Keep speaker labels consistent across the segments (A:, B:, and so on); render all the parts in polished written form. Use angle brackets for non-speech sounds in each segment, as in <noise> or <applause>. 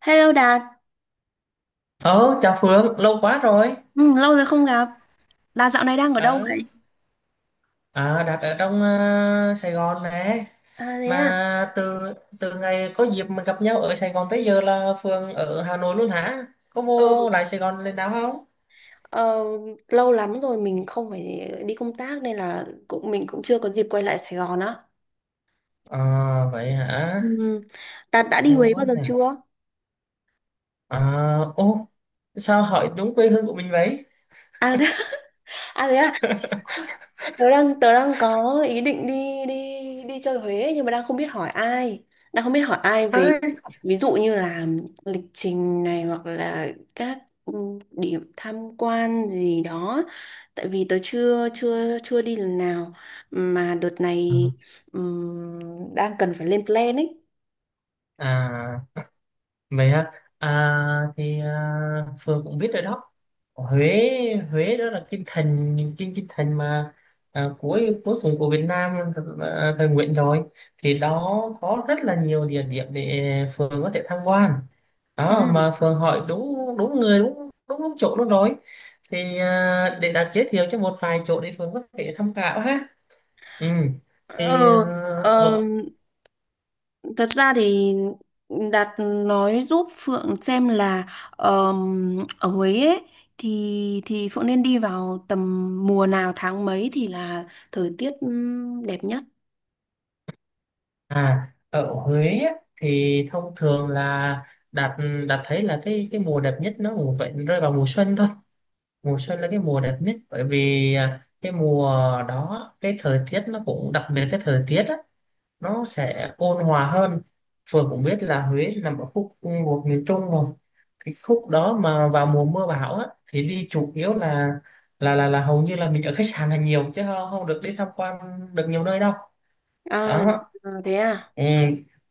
A: Hello Đạt,
B: Ờ, Chào Phương, lâu quá rồi.
A: ừ, lâu rồi không gặp. Đạt dạo này đang ở đâu
B: Ờ,
A: vậy?
B: Đặt ở trong Sài Gòn nè.
A: À thế à,
B: Mà từ từ ngày có dịp mà gặp nhau ở Sài Gòn tới giờ là Phương ở Hà Nội luôn hả? Có
A: ừ,
B: vô lại Sài Gòn lên nào không?
A: ờ, lâu lắm rồi mình không phải đi công tác nên là mình cũng chưa có dịp quay lại Sài Gòn á.
B: À, vậy hả?
A: Ừ. Đạt đã đi
B: Lâu
A: Huế
B: quá
A: bao giờ
B: nhỉ.
A: chưa?
B: À, ô, sao hỏi đúng quê hương của mình vậy?
A: À, <laughs> à thế à, tớ đang có ý định đi đi đi chơi Huế nhưng mà đang không biết hỏi ai
B: À,
A: về ví dụ như là lịch trình này hoặc là các ừ, điểm tham quan gì đó tại vì tớ chưa chưa chưa đi lần nào mà đợt này đang cần phải lên plan ấy.
B: à Vậy hả? À, Phương cũng biết rồi đó. Huế Huế đó là kinh thành, kinh kinh thành mà cuối cuối cùng của Việt Nam, thời Nguyễn rồi, thì đó có rất là nhiều địa điểm để Phương có thể tham quan.
A: Ừ.
B: Đó, mà Phương hỏi đúng đúng người, đúng đúng đúng chỗ luôn rồi. Thì để đặt giới thiệu cho một vài chỗ để Phương có thể tham khảo ha. Ừ. Thì à,
A: Ờ, ờ,
B: ở
A: Thật ra thì Đạt nói giúp Phượng xem là ở Huế ấy, thì Phượng nên đi vào tầm mùa nào tháng mấy thì là thời tiết đẹp nhất.
B: À, Ở Huế á, thì thông thường là đạt đạt thấy là cái mùa đẹp nhất nó cũng vậy, rơi vào mùa xuân thôi. Mùa xuân là cái mùa đẹp nhất, bởi vì cái mùa đó cái thời tiết nó cũng đặc biệt, cái thời tiết á, nó sẽ ôn hòa hơn. Phường cũng biết là Huế nằm ở khúc thuộc miền Trung rồi. Cái khúc đó mà vào mùa mưa bão á, thì đi chủ yếu là hầu như là mình ở khách sạn là nhiều, chứ không, không được đi tham quan được nhiều nơi đâu.
A: À,
B: Đó.
A: à, thế à?
B: Ừ,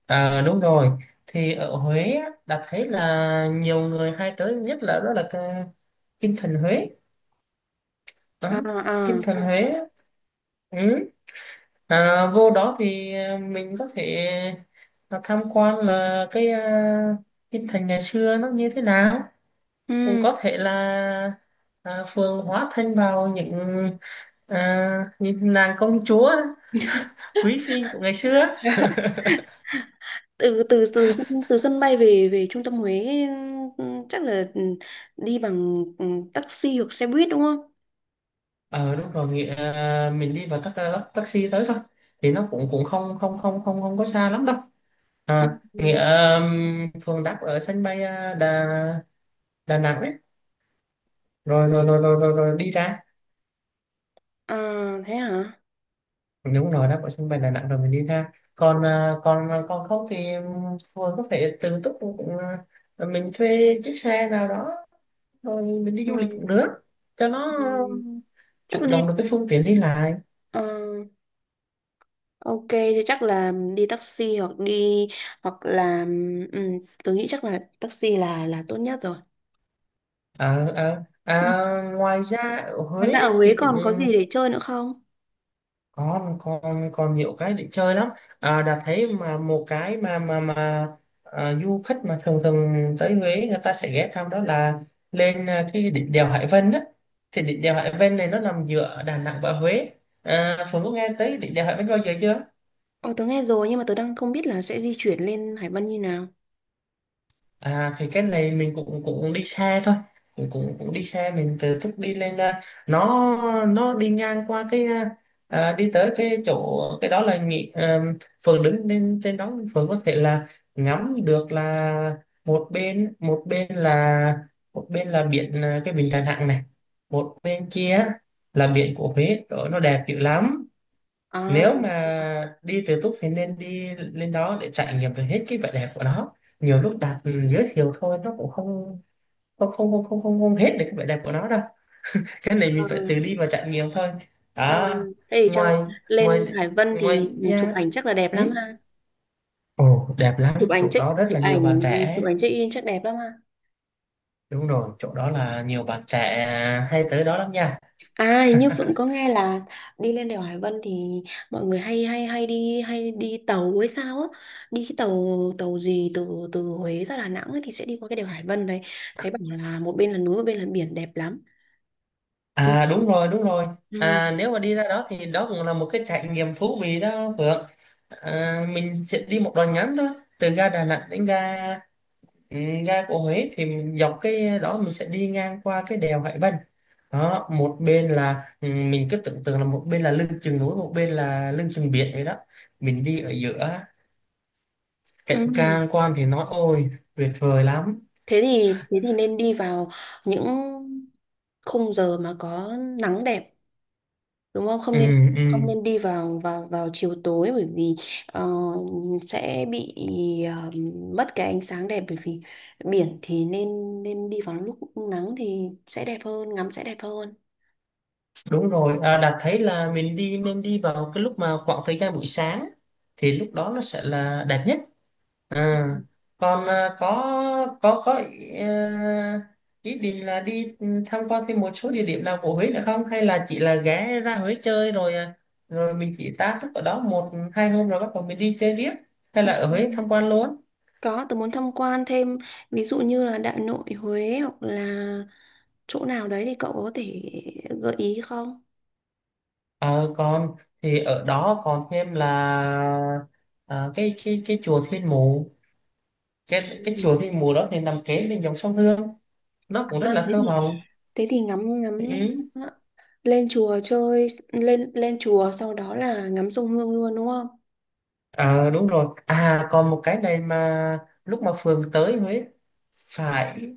B: đúng rồi, thì ở Huế á, đã thấy là nhiều người hay tới nhất, là đó là cái Kinh Thành Huế
A: À,
B: đó.
A: à.
B: Kinh Thành Huế á. Ừ. Vô đó thì mình có thể tham quan là cái, Kinh Thành ngày xưa nó như thế nào, cũng
A: Ừ.
B: có thể là phường hóa thân vào những, những nàng công chúa, quý phi của ngày xưa.
A: <laughs> từ từ từ từ sân bay về về trung tâm Huế, chắc là đi bằng taxi hoặc xe buýt đúng không?
B: Ờ Đúng rồi, mình đi vào tắc, tắc- taxi tới thôi, thì nó cũng cũng không không không không không có xa lắm đâu.
A: Ừ.
B: À,
A: Ừ.
B: nghĩa Phường đáp ở sân bay Đà Đà Nẵng ấy, rồi rồi rồi rồi rồi, rồi đi ra.
A: À, thế hả?
B: Đúng rồi, đáp ở sân bay Đà Nẵng rồi mình đi ra, còn còn à, còn không thì phường có thể tự túc cũng, mình thuê chiếc xe nào đó rồi mình đi
A: Ừ.
B: du lịch cũng được, cho nó
A: Ừ.
B: um,
A: Chắc là
B: chủ động
A: đi
B: được cái phương tiện đi lại.
A: ờ, ok thì chắc là đi taxi hoặc đi hoặc là ừ, tôi nghĩ chắc là taxi là tốt nhất rồi. Ừ.
B: Ngoài ra ở
A: Ngoài
B: Huế
A: ra ở
B: á,
A: Huế
B: thì cũng
A: còn có gì để chơi nữa không?
B: còn, còn nhiều cái để chơi lắm. Đã thấy mà một cái mà mà du khách mà thường thường tới Huế, người ta sẽ ghé thăm, đó là lên cái đỉnh đèo Hải Vân đó. Thì đỉnh đèo Hải Vân này nó nằm giữa Đà Nẵng và Huế. À, Phương có nghe tới đỉnh đèo Hải Vân bao giờ chưa?
A: Ồ, tớ nghe rồi nhưng mà tớ đang không biết là sẽ di chuyển lên Hải Vân như nào.
B: À, thì cái này mình cũng cũng đi xe thôi, cũng cũng cũng đi xe mình từ thức đi lên, nó đi ngang qua cái, đi tới cái chỗ, cái đó là nghị, phường đứng lên trên đó, phường có thể là ngắm được là một bên, một bên là biển, cái biển Đà Nẵng này, một bên kia là biển của Huế đó, nó đẹp dữ lắm.
A: À.
B: Nếu mà đi tự túc thì nên đi lên đó để trải nghiệm được hết cái vẻ đẹp của nó. Nhiều lúc đạt giới thiệu thôi nó cũng không hết được cái vẻ đẹp của nó đâu, cái này mình phải tự đi và trải nghiệm thôi.
A: Ờ,
B: Đó.
A: thế thì
B: ngoài
A: lên
B: ngoài
A: Hải Vân
B: ngoài
A: thì chụp
B: nha.
A: ảnh chắc là đẹp
B: Ừ?
A: lắm ha.
B: Ồ, đẹp
A: Chụp
B: lắm,
A: ảnh
B: chỗ
A: check
B: đó rất
A: chụp
B: là nhiều
A: ảnh
B: bạn
A: chụp
B: trẻ.
A: ảnh check in chắc đẹp lắm ha.
B: Đúng rồi, chỗ đó là nhiều bạn trẻ hay tới đó lắm nha.
A: À
B: <laughs>
A: hình như Phượng có nghe là đi lên đèo Hải Vân thì mọi người hay hay hay đi tàu hay sao á. Đi cái tàu tàu gì từ từ Huế ra Đà Nẵng ấy, thì sẽ đi qua cái đèo Hải Vân đấy. Thấy bảo là một bên là núi một bên là biển đẹp lắm. Ừ.
B: À, đúng rồi, đúng rồi.
A: Ừ.
B: À, nếu mà đi ra đó thì đó cũng là một cái trải nghiệm thú vị đó Phượng. À, mình sẽ đi một đoạn ngắn thôi, từ ga Đà Nẵng đến ừ, ga của Huế, thì mình dọc cái đó mình sẽ đi ngang qua cái đèo Hải Vân. Đó, một bên là, mình cứ tưởng tượng là một bên là lưng chừng núi, một bên là lưng chừng biển vậy đó. Mình đi ở giữa,
A: Ừ.
B: cảnh quan quan thì nói ôi, tuyệt vời lắm.
A: Thế thì nên đi vào những khung giờ mà có nắng đẹp đúng không, không
B: Ừ,
A: nên
B: ừ.
A: không nên đi vào vào vào chiều tối bởi vì ờ, sẽ bị ờ, mất cái ánh sáng đẹp bởi vì biển thì nên nên đi vào lúc nắng thì sẽ đẹp hơn ngắm sẽ đẹp hơn.
B: Đúng rồi, à, Đạt thấy là mình đi nên đi vào cái lúc mà khoảng thời gian buổi sáng, thì lúc đó nó sẽ là đẹp nhất. À, còn có có ý, ý định là đi tham quan thêm một số địa điểm nào của Huế nữa không? Hay là chỉ là ghé ra Huế chơi rồi rồi mình chỉ tá túc ở đó 1 2 hôm rồi bắt đầu mình đi chơi tiếp, hay là
A: Ừ.
B: ở Huế tham quan luôn?
A: Có, tôi muốn tham quan thêm ví dụ như là Đại Nội Huế hoặc là chỗ nào đấy thì cậu có thể gợi ý không?
B: Ờ, còn thì ở đó còn thêm là, cái cái chùa Thiên Mụ. Cái
A: Ừ.
B: chùa Thiên Mùa đó thì nằm kế bên dòng sông Hương, nó cũng rất
A: À,
B: là
A: thế
B: thơ
A: thì
B: mộng.
A: thế thì ngắm ngắm
B: Ừ.
A: ờ, lên chùa chơi lên lên chùa sau đó là ngắm sông Hương luôn đúng không?
B: À, đúng rồi, à còn một cái này mà lúc mà Phường tới Huế phải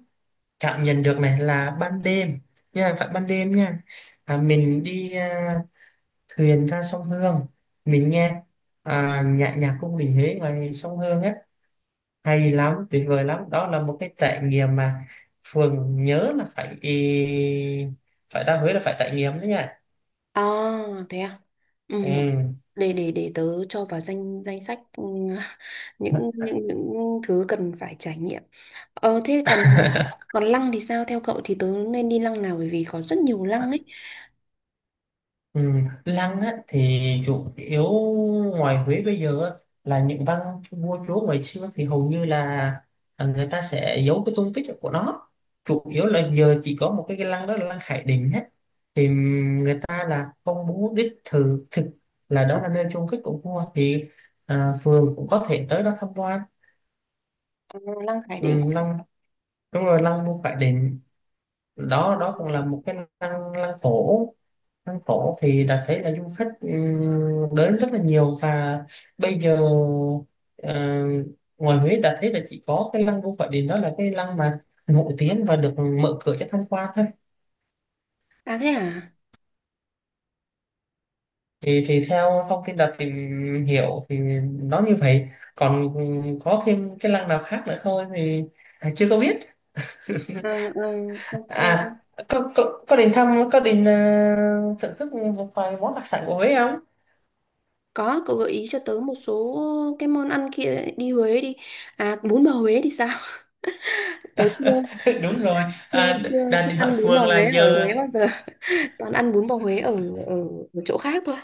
B: cảm nhận được, này là ban đêm nha, phải ban đêm nha, mình đi thuyền ra sông Hương, mình nghe nhạc nhạc cung đình Huế ngoài sông Hương á, hay lắm, tuyệt vời lắm, đó là một cái trải nghiệm mà Phường nhớ là phải, phải ra Huế là phải trải nghiệm đấy nha.
A: À, thế à? Ừ,
B: Ừ.
A: để tớ cho vào danh danh sách <laughs> những thứ cần phải trải nghiệm. Ờ thế còn còn lăng thì sao? Theo cậu thì tớ nên đi lăng nào bởi vì có rất nhiều lăng ấy.
B: Ừ, lăng á, thì chủ yếu ngoài Huế bây giờ á, là những văn vua chúa ngày xưa thì hầu như là người ta sẽ giấu cái tung tích của nó, chủ yếu là giờ chỉ có một cái lăng đó là lăng Khải Định hết, thì người ta là không muốn đích thực thực là đó là nơi chôn cất của vua, thì phường cũng có thể tới đó tham quan.
A: Ờ, lăng Khải
B: Ừ,
A: Định.
B: lăng, đúng rồi, lăng vua Khải Định, đó đó cũng
A: Ừ.
B: là một cái lăng, cổ. Phố cổ thì đã thấy là du khách đến rất là nhiều, và bây giờ ờ, ngoài Huế đã thấy là chỉ có cái lăng Vua Khải Định, đó là cái lăng mà nổi tiếng và được mở cửa cho tham quan thôi.
A: À thế à?
B: Thì theo thông tin đã tìm hiểu thì nó như vậy, còn có thêm cái lăng nào khác nữa thôi thì chưa có biết. <laughs>
A: Ờ, ờ, ok.
B: À, có đến thăm, có đến thưởng thức một vài món đặc sản của Huế không?
A: Có, cậu gợi ý cho tớ một số cái món ăn kia đi Huế đi. À bún bò Huế thì sao? <laughs> Tớ chưa
B: <laughs> Đúng rồi,
A: chưa chưa
B: đang
A: chưa
B: định hỏi
A: ăn bún bò
B: phường là
A: Huế ở Huế
B: giờ,
A: bao giờ. <laughs> Toàn ăn bún bò Huế ở ở, ở chỗ khác thôi.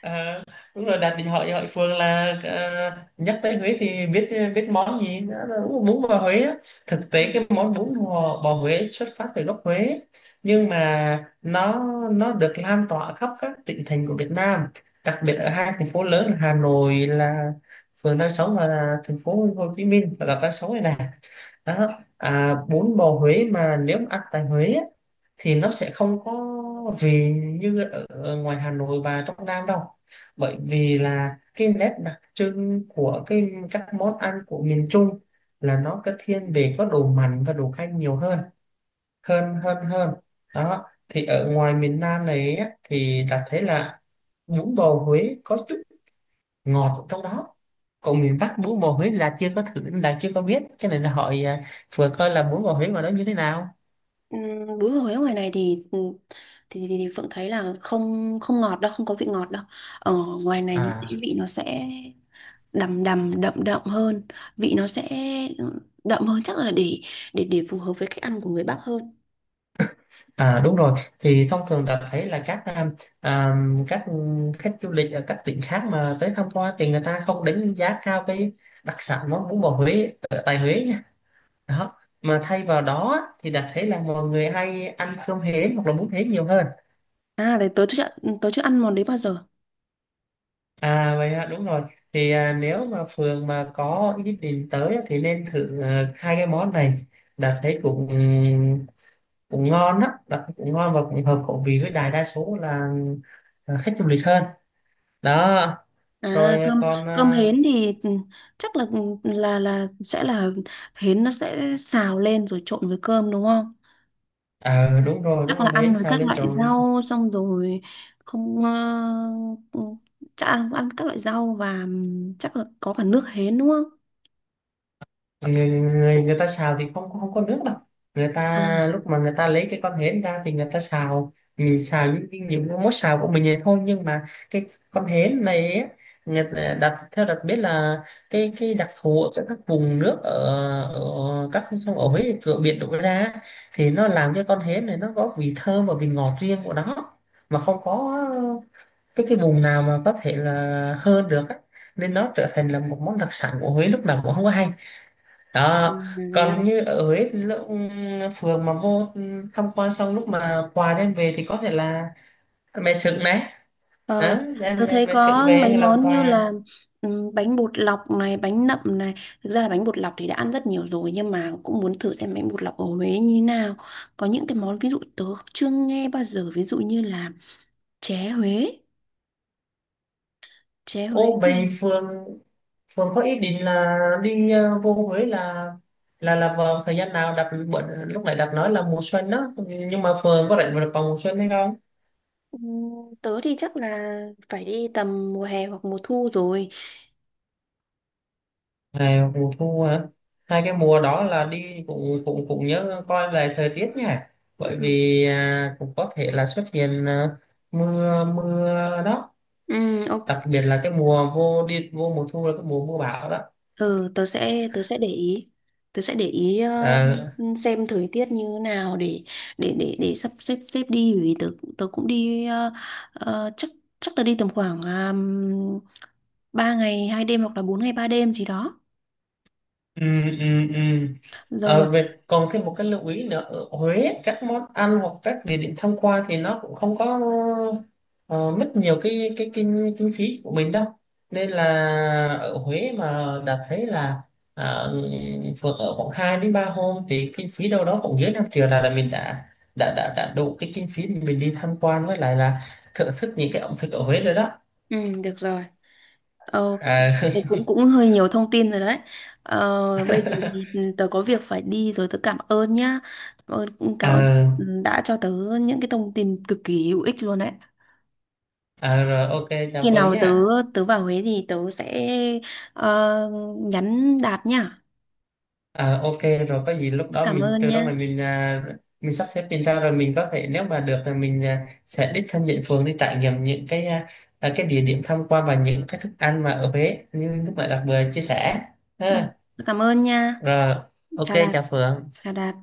B: à, đúng rồi, đạt điện hỏi hỏi Phương là, à, nhắc tới Huế thì biết biết món gì nữa là bún bún bò Huế á. Thực tế cái món bò Huế xuất phát từ gốc Huế, nhưng mà nó được lan tỏa khắp các tỉnh thành của Việt Nam, đặc biệt ở hai thành phố lớn là Hà Nội, là Phương đang sống, và là thành phố Hồ Chí Minh và là đang sống này này. Đó, à, bún bò Huế mà nếu mà ăn tại Huế á, thì nó sẽ không có vị như ở, ngoài Hà Nội và trong Nam đâu, bởi vì là cái nét đặc trưng của cái các món ăn của miền Trung là nó có thiên về có đồ mặn và đồ canh nhiều hơn hơn hơn hơn. Đó, thì ở ngoài miền Nam này á, thì đã thấy là bún bò Huế có chút ngọt ở trong đó, còn miền Bắc bún bò Huế là chưa có thử, là chưa có biết cái này là hỏi vừa coi là bún bò Huế mà nó như thế nào.
A: Ừ, bún bò Huế ngoài này thì ừ, thì Phượng thấy là không không ngọt đâu, không có vị ngọt đâu. Ở ngoài này thì
B: à
A: vị nó sẽ đầm đầm đậm đậm hơn, vị nó sẽ đậm hơn chắc là để phù hợp với cách ăn của người Bắc hơn.
B: À, đúng rồi, thì thông thường đã thấy là à, các khách du lịch ở các tỉnh khác mà tới tham quan, thì người ta không đánh giá cao cái đặc sản món bún bò Huế ở tại Huế nha. Đó, mà thay vào đó thì đã thấy là mọi người hay ăn cơm hến hoặc là bún hến nhiều hơn.
A: À, đấy tớ chưa ăn món đấy bao giờ.
B: À, vậy ạ, đúng rồi. Thì à, nếu mà Phường mà có ý định tới á, thì nên thử hai cái món này. Đặt thấy cũng cũng ngon á, đặt thấy cũng ngon và cũng hợp khẩu vị với đại đa số là khách du lịch hơn. Đó, rồi,
A: À, cơm cơm hến thì chắc là sẽ là hến nó sẽ xào lên rồi trộn với cơm đúng không?
B: đúng rồi, đúng
A: Chắc là
B: rồi,
A: ăn
B: đấy
A: với
B: sao
A: các
B: lên
A: loại
B: tròn.
A: rau xong rồi không chắc ăn ăn các loại rau và chắc là có cả nước hến đúng không?
B: Người ta xào thì không không có nước đâu, người ta
A: À,
B: lúc mà người ta lấy cái con hến ra thì người ta xào, mình xào những cái món xào của mình này thôi, nhưng mà cái con hến này ấy, người ta đặt theo đặt biết là cái đặc thù ở các vùng nước ở, ở các con sông ở Huế cửa biển đổ ra, thì nó làm cho con hến này nó có vị thơm và vị ngọt riêng của nó, mà không có cái vùng nào mà có thể là hơn được á. Nên nó trở thành là một món đặc sản của Huế, lúc nào cũng không có hay.
A: ừ,
B: Đó,
A: à, thế
B: còn
A: à.
B: như ở Huế thì lúc phường mà vô tham quan xong, lúc mà quà đem về thì có thể là mè sừng này.
A: ờ,
B: Đó, đem
A: tôi thấy
B: mè sừng
A: có mấy
B: về làm
A: món như
B: quà.
A: là bánh bột lọc này, bánh nậm này. Thực ra là bánh bột lọc thì đã ăn rất nhiều rồi nhưng mà cũng muốn thử xem bánh bột lọc ở Huế như thế nào. Có những cái món ví dụ tớ chưa nghe bao giờ, ví dụ như là chè Huế, chè Huế.
B: Ô, vậy phường phường có ý định là đi vô Huế là, vào thời gian nào? Lúc nãy đặt nói là mùa xuân đó, nhưng mà phường có rảnh vào vào mùa xuân hay không?
A: Ừm, Tớ thì chắc là phải đi tầm mùa hè hoặc mùa thu rồi.
B: Ngày mùa thu hả? Hai cái mùa đó là đi cũng cũng cũng nhớ coi lại thời tiết nha, bởi vì cũng có thể là xuất hiện mưa mưa. Đó,
A: Ừ,
B: đặc
A: ok.
B: biệt là cái mùa vô, đi vô mùa thu là cái mùa mưa bão đó.
A: Ừ, tớ sẽ để ý. Tớ sẽ để ý
B: À,
A: xem thời tiết như nào để sắp xếp xếp đi bởi vì tớ tớ cũng đi chắc chắc tớ đi tầm khoảng 3 ngày 2 đêm hoặc là 4 ngày 3 đêm gì đó.
B: ừ, ừ, ừ.
A: Rồi,
B: Ờ, về, còn thêm một cái lưu ý nữa, ở Huế các món ăn hoặc các địa điểm tham quan thì nó cũng không có ờ, mất nhiều cái kinh kinh phí của mình đâu, nên là ở Huế mà đã thấy là ờ, phượt ở khoảng 2 đến 3 hôm thì kinh phí đâu đó cũng dưới 5 triệu, là mình đã đủ cái kinh phí mình đi tham quan, với lại là thưởng thức những cái ẩm thực ở Huế rồi đó.
A: ừ, được rồi. Ờ,
B: à,
A: đấy cũng cũng hơi nhiều thông tin rồi đấy. Ờ, bây giờ thì
B: <laughs>
A: tớ có việc phải đi rồi tớ cảm ơn nhá. Cảm ơn
B: à,
A: đã cho tớ những cái thông tin cực kỳ hữu ích luôn đấy.
B: Rồi, ok, chào
A: Khi
B: Phương
A: nào tớ
B: nhé.
A: tớ vào Huế thì tớ sẽ ờ, nhắn Đạt nhá.
B: À, ok, rồi có gì lúc đó
A: Cảm
B: mình
A: ơn
B: từ đó
A: nha.
B: là mình mình sắp xếp mình ra, rồi mình có thể nếu mà được là mình sẽ đích thân nhận phường đi trải nghiệm những cái, cái địa điểm tham quan và những cái thức ăn mà ở Huế như lúc nãy đặc biệt chia sẻ
A: Ừ,
B: ha.
A: cảm ơn nha.
B: Rồi, ok,
A: Chào Đạt,
B: chào Phượng.
A: chào Đạt.